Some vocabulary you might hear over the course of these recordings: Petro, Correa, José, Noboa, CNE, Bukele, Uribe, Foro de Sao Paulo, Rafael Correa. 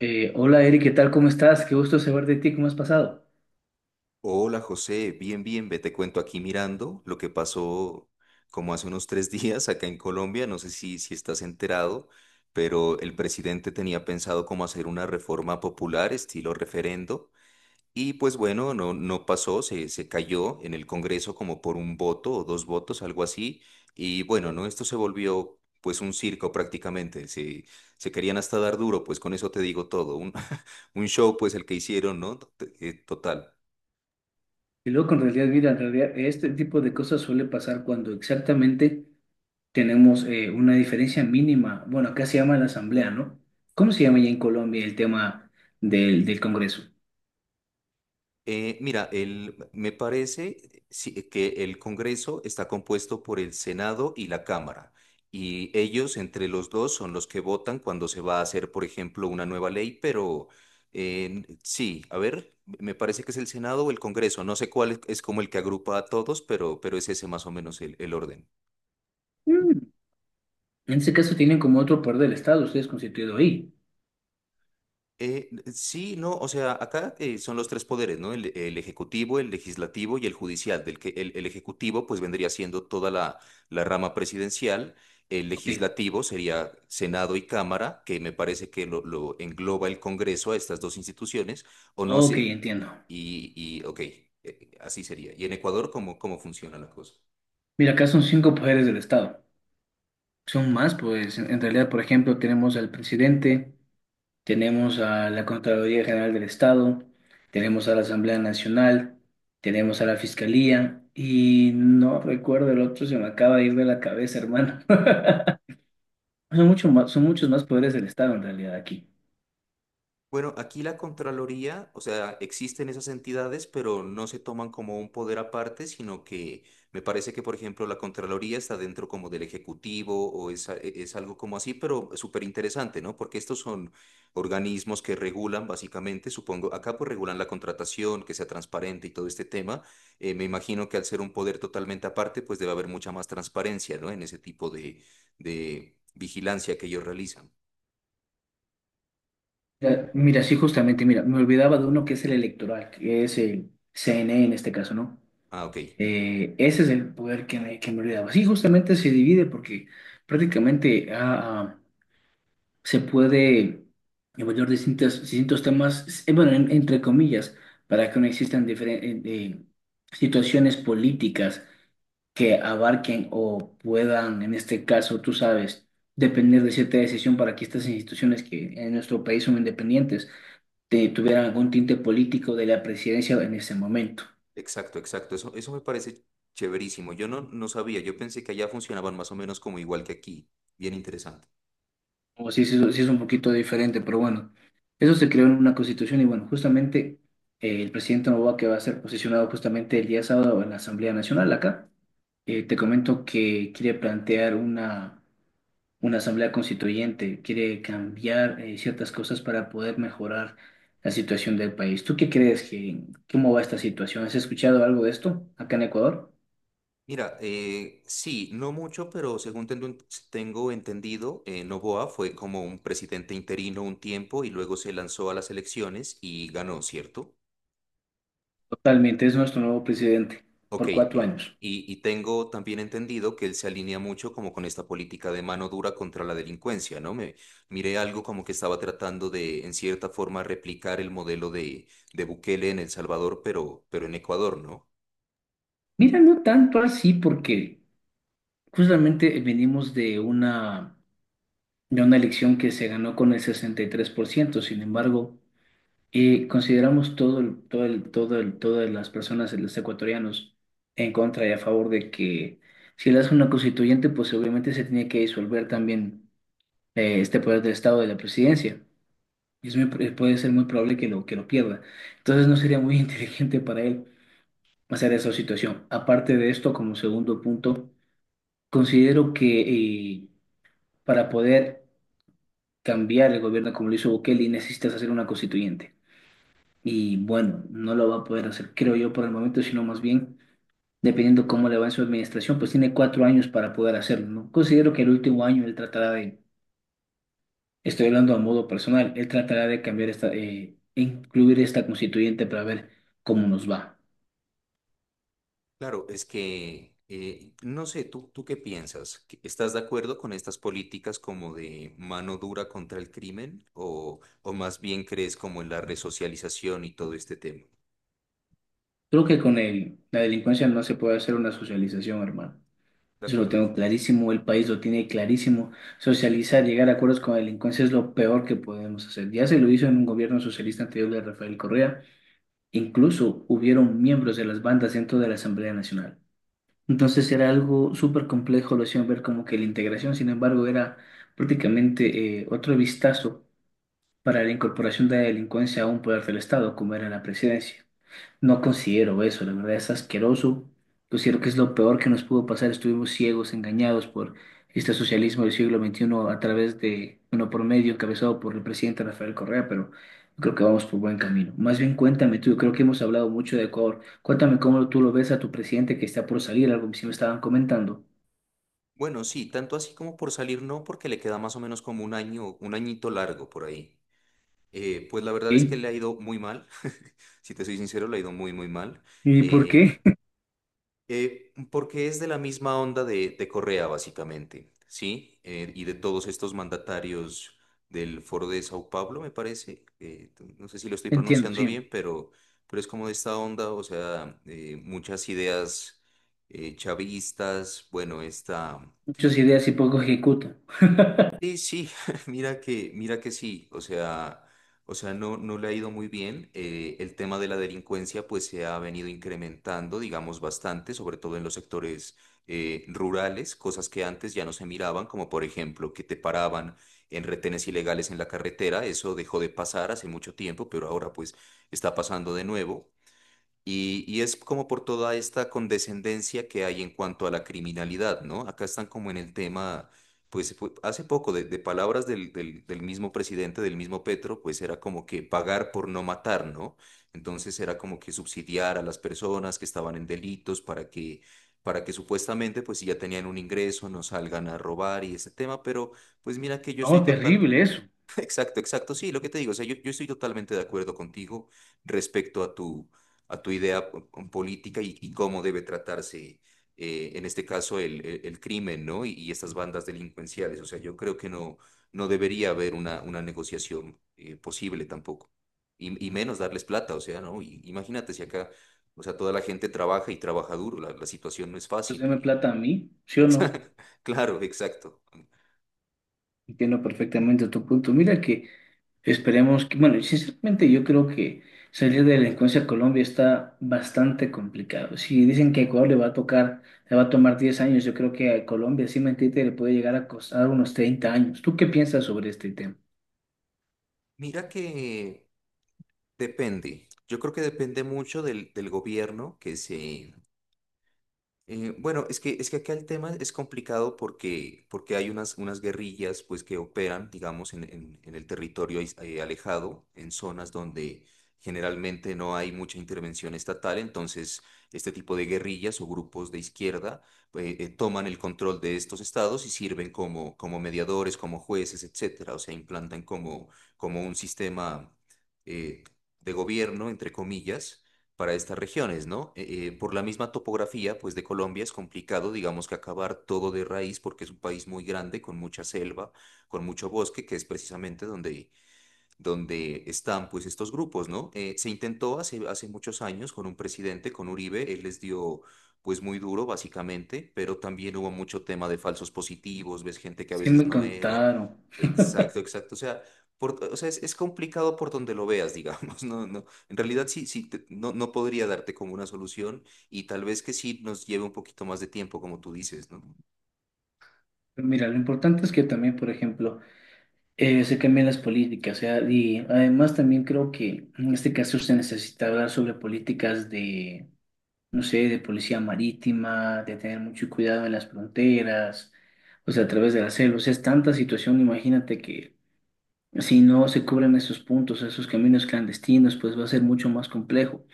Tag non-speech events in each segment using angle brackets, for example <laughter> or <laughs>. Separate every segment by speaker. Speaker 1: Hola Eric, ¿qué tal? ¿Cómo estás? Qué gusto saber de ti, ¿cómo has pasado?
Speaker 2: Hola José, bien, bien, ve, te cuento aquí mirando lo que pasó como hace unos tres <laughs> días acá en Colombia, no sé si estás enterado, pero el presidente tenía pensado cómo hacer una reforma popular estilo referendo y pues bueno, no, no pasó, se cayó en el Congreso como por un voto o dos votos, algo así, y bueno, no, esto se volvió pues un circo prácticamente, se querían hasta dar duro, pues con eso te digo todo, <laughs> un show pues el que hicieron, ¿no? Total.
Speaker 1: Y luego, en realidad, mira, en realidad este tipo de cosas suele pasar cuando exactamente tenemos una diferencia mínima. Bueno, acá se llama la asamblea, ¿no? ¿Cómo se llama ya en Colombia el tema del Congreso?
Speaker 2: Mira, me parece sí, que el Congreso está compuesto por el Senado y la Cámara, y ellos entre los dos son los que votan cuando se va a hacer, por ejemplo, una nueva ley, pero sí, a ver, me parece que es el Senado o el Congreso, no sé cuál es como el que agrupa a todos, pero es ese más o menos el orden.
Speaker 1: Mm, en ese caso tienen como otro poder del Estado, ustedes constituido ahí.
Speaker 2: Eh, sí, no, o sea, acá son los tres poderes, ¿no? El ejecutivo, el legislativo y el judicial, del que el ejecutivo pues vendría siendo toda la rama presidencial, el
Speaker 1: Ok,
Speaker 2: legislativo sería Senado y Cámara, que me parece que lo engloba el Congreso a estas dos instituciones, o no
Speaker 1: ok,
Speaker 2: sé,
Speaker 1: entiendo.
Speaker 2: y ok, así sería. ¿Y en Ecuador cómo funciona la cosa?
Speaker 1: Mira, acá son cinco poderes del Estado. Son más, pues en realidad, por ejemplo, tenemos al presidente. Tenemos a la Contraloría General del Estado, tenemos a la Asamblea Nacional, tenemos a la Fiscalía y no recuerdo el otro, se me acaba de ir de la cabeza, hermano. <laughs> Son mucho más, son muchos más poderes del Estado en realidad aquí.
Speaker 2: Bueno, aquí la Contraloría, o sea, existen esas entidades, pero no se toman como un poder aparte, sino que me parece que, por ejemplo, la Contraloría está dentro como del Ejecutivo o es, es algo como así, pero súper interesante, ¿no? Porque estos son organismos que regulan básicamente, supongo, acá pues regulan la contratación, que sea transparente y todo este tema. Me imagino que al ser un poder totalmente aparte, pues debe haber mucha más transparencia, ¿no? En ese tipo de vigilancia que ellos realizan.
Speaker 1: Mira, mira, sí, justamente, mira, me olvidaba de uno que es el electoral, que es el CNE en este caso, ¿no?
Speaker 2: Ah, ok.
Speaker 1: Ese es el poder que me olvidaba. Sí, justamente se divide porque prácticamente ha se puede evaluar distintos temas, bueno, entre comillas, para que no existan eh, situaciones políticas que abarquen o puedan, en este caso, tú sabes, depender de cierta decisión para que estas instituciones que en nuestro país son independientes tuvieran algún tinte político de la presidencia en ese momento.
Speaker 2: Exacto, exacto. Eso me parece chéverísimo. Yo no, no sabía, yo pensé que allá funcionaban más o menos como igual que aquí. Bien interesante.
Speaker 1: O sí, sí, sí es un poquito diferente, pero bueno, eso se creó en una constitución y bueno, justamente el presidente Noboa que va a ser posicionado justamente el día sábado en la Asamblea Nacional acá, te comento que quiere plantear una asamblea constituyente, quiere cambiar ciertas cosas para poder mejorar la situación del país. ¿Tú qué crees cómo va esta situación? ¿Has escuchado algo de esto acá en Ecuador?
Speaker 2: Mira, sí, no mucho, pero según tengo, tengo entendido, Noboa fue como un presidente interino un tiempo y luego se lanzó a las elecciones y ganó, ¿cierto?
Speaker 1: Totalmente, es nuestro nuevo presidente
Speaker 2: Ok,
Speaker 1: por cuatro años.
Speaker 2: y tengo también entendido que él se alinea mucho como con esta política de mano dura contra la delincuencia, ¿no? Me miré algo como que estaba tratando de, en cierta forma, replicar el modelo de Bukele en El Salvador, pero en Ecuador, ¿no?
Speaker 1: Mira, no tanto así porque... Justamente venimos de de una elección que se ganó con el 63%. Sin embargo, consideramos todas las personas, los ecuatorianos, en contra y a favor de que si él hace una constituyente, pues obviamente se tiene que disolver también este poder del Estado de la presidencia. Y es muy puede ser muy probable que que lo pierda. Entonces no sería muy <laughs> inteligente para él hacer esa situación. Aparte de esto, como segundo punto, considero que eh, para poder cambiar el gobierno como lo hizo Bukele necesitas hacer una constituyente. Y bueno, no lo va a poder hacer, creo yo, por el momento, sino más bien, dependiendo cómo le va en su administración, pues tiene 4 años para poder hacerlo, ¿no? Considero que el último año él tratará de, estoy hablando a modo personal, él tratará de cambiar esta, incluir esta constituyente para ver cómo nos va.
Speaker 2: Claro, es que, no sé, ¿tú, tú qué piensas? ¿Estás de acuerdo con estas políticas como de mano dura contra el crimen? O más bien crees como en la resocialización y todo este tema?
Speaker 1: Creo que con la delincuencia no se puede hacer una socialización, hermano.
Speaker 2: De
Speaker 1: Eso lo
Speaker 2: acuerdo.
Speaker 1: tengo clarísimo, el país lo tiene clarísimo. Socializar, llegar a acuerdos con la delincuencia es lo peor que podemos hacer. Ya se lo hizo en un gobierno socialista anterior de Rafael Correa. Incluso hubieron miembros de las bandas dentro de la Asamblea Nacional. Entonces era algo súper complejo, lo hacían ver como que la integración, sin embargo, era prácticamente otro vistazo para la incorporación de la delincuencia a un poder del Estado, como era la presidencia. No considero eso, la verdad es asqueroso. Considero que es lo peor que nos pudo pasar. Estuvimos ciegos, engañados por este socialismo del siglo 21 a través de, uno por medio encabezado por el presidente Rafael Correa, pero yo creo que vamos por buen camino. Más bien cuéntame tú, yo creo que hemos hablado mucho de Ecuador. Cuéntame cómo tú lo ves a tu presidente que está por salir, algo que sí me estaban comentando.
Speaker 2: Bueno, sí, tanto así como por salir no, porque le queda más o menos como un año, un añito largo por ahí. Pues la verdad es que
Speaker 1: ¿Y,
Speaker 2: le ha ido muy mal, <laughs> si te soy sincero, le ha ido muy, muy mal.
Speaker 1: ¿Y por
Speaker 2: Eh,
Speaker 1: qué? <laughs>
Speaker 2: Porque es de la misma onda de Correa, básicamente, ¿sí? Y de todos estos mandatarios del Foro de Sao Paulo, me parece, no sé si lo estoy
Speaker 1: Entiendo,
Speaker 2: pronunciando
Speaker 1: sí.
Speaker 2: bien, pero es como de esta onda, o sea, muchas ideas chavistas, bueno, esta...
Speaker 1: Muchas ideas y poco ejecuta.
Speaker 2: Sí, sí, <laughs> mira que sí, o sea, no, no le ha ido muy bien. El tema de la delincuencia pues se ha venido incrementando, digamos, bastante, sobre todo en los sectores rurales, cosas que antes ya no se miraban, como por ejemplo que te paraban en retenes ilegales en la carretera, eso dejó de pasar hace mucho tiempo, pero ahora pues está pasando de nuevo. Y es como por toda esta condescendencia que hay en cuanto a la criminalidad, ¿no? Acá están como en el tema, pues hace poco, de palabras del mismo presidente, del mismo Petro, pues era como que pagar por no matar, ¿no? Entonces era como que subsidiar a las personas que estaban en delitos para que supuestamente, pues si ya tenían un ingreso, no salgan a robar y ese tema, pero pues mira que yo estoy
Speaker 1: Oh,
Speaker 2: total.
Speaker 1: terrible eso.
Speaker 2: Exacto, exacto. Sí, lo que te digo, o sea, yo estoy totalmente de acuerdo contigo respecto a tu idea política y cómo debe tratarse, en este caso, el crimen, ¿no? Y estas bandas delincuenciales. O sea, yo creo que no, no debería haber una negociación, posible tampoco. Y menos darles plata, o sea, ¿no? Y, imagínate si acá, o sea, toda la gente trabaja y trabaja duro, la situación no es
Speaker 1: Pues
Speaker 2: fácil.
Speaker 1: deme
Speaker 2: Y
Speaker 1: plata a mí,
Speaker 2: <laughs>
Speaker 1: ¿sí o no?
Speaker 2: Exa- Claro, exacto.
Speaker 1: Entiendo perfectamente tu punto. Mira que esperemos que, bueno, sinceramente yo creo que salir de la delincuencia a Colombia está bastante complicado. Si dicen que a Ecuador le va a tocar, le va a tomar 10 años, yo creo que a Colombia, sin mentirte, le puede llegar a costar unos 30 años. ¿Tú qué piensas sobre este tema?
Speaker 2: Mira que... Depende. Yo creo que depende mucho del gobierno que se, bueno, es que acá el tema es complicado porque, porque hay unas, unas guerrillas pues, que operan, digamos, en, en el territorio alejado, en zonas donde generalmente no hay mucha intervención estatal, entonces este tipo de guerrillas o grupos de izquierda toman el control de estos estados y sirven como, como mediadores, como jueces, etcétera, o sea, implantan como, como un sistema eh, de gobierno, entre comillas, para estas regiones, ¿no? Por la misma topografía, pues de Colombia es complicado, digamos que acabar todo de raíz porque es un país muy grande, con mucha selva, con mucho bosque, que es precisamente donde donde están pues estos grupos, ¿no? Se intentó hace, hace muchos años con un presidente, con Uribe, él les dio pues muy duro básicamente, pero también hubo mucho tema de falsos positivos, ves gente que a
Speaker 1: Sí
Speaker 2: veces
Speaker 1: me
Speaker 2: no era,
Speaker 1: contaron.
Speaker 2: exacto, exacto, o sea, o sea es complicado por donde lo veas, digamos, <laughs> no, no, en realidad sí, sí, no, no podría darte como una solución y tal vez que sí nos lleve un poquito más de tiempo, como tú dices, ¿no?
Speaker 1: Pero mira, lo importante es que también, por ejemplo, se cambien las políticas, o sea, y además también creo que en este caso se necesita hablar sobre políticas de no sé, de policía marítima, de tener mucho cuidado en las fronteras, o sea, a través de la selva. O sea, es tanta situación, imagínate que si no se cubren esos puntos, esos caminos clandestinos, pues va a ser mucho más complejo.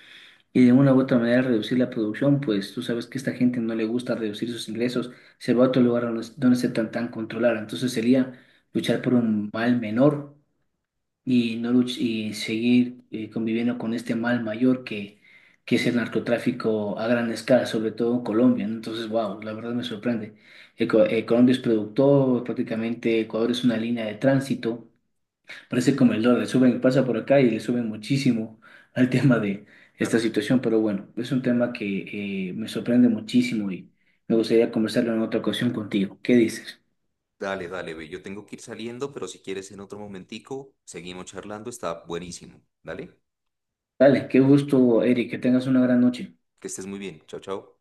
Speaker 1: Y de una u otra manera reducir la producción, pues tú sabes que a esta gente no le gusta reducir sus ingresos, se va a otro lugar donde, donde se tan controlar. Entonces sería luchar por un mal menor y no luch- y seguir conviviendo con este mal mayor que es el narcotráfico a gran escala, sobre todo en Colombia, ¿no? Entonces, wow, la verdad me sorprende. Colombia es productor, prácticamente Ecuador es una línea de tránsito, parece como el dólar, suben, pasa por acá y le suben muchísimo <laughs> al tema de esta
Speaker 2: Claro.
Speaker 1: situación, pero bueno, es un tema que me sorprende muchísimo y me gustaría conversarlo en otra ocasión contigo. ¿Qué dices?
Speaker 2: Dale, dale, ve. Yo tengo que ir saliendo, pero si quieres en otro momentico, seguimos charlando. Está buenísimo. Dale,
Speaker 1: Dale, qué gusto, Eric, que tengas una gran noche.
Speaker 2: que estés muy bien. Chao, chao.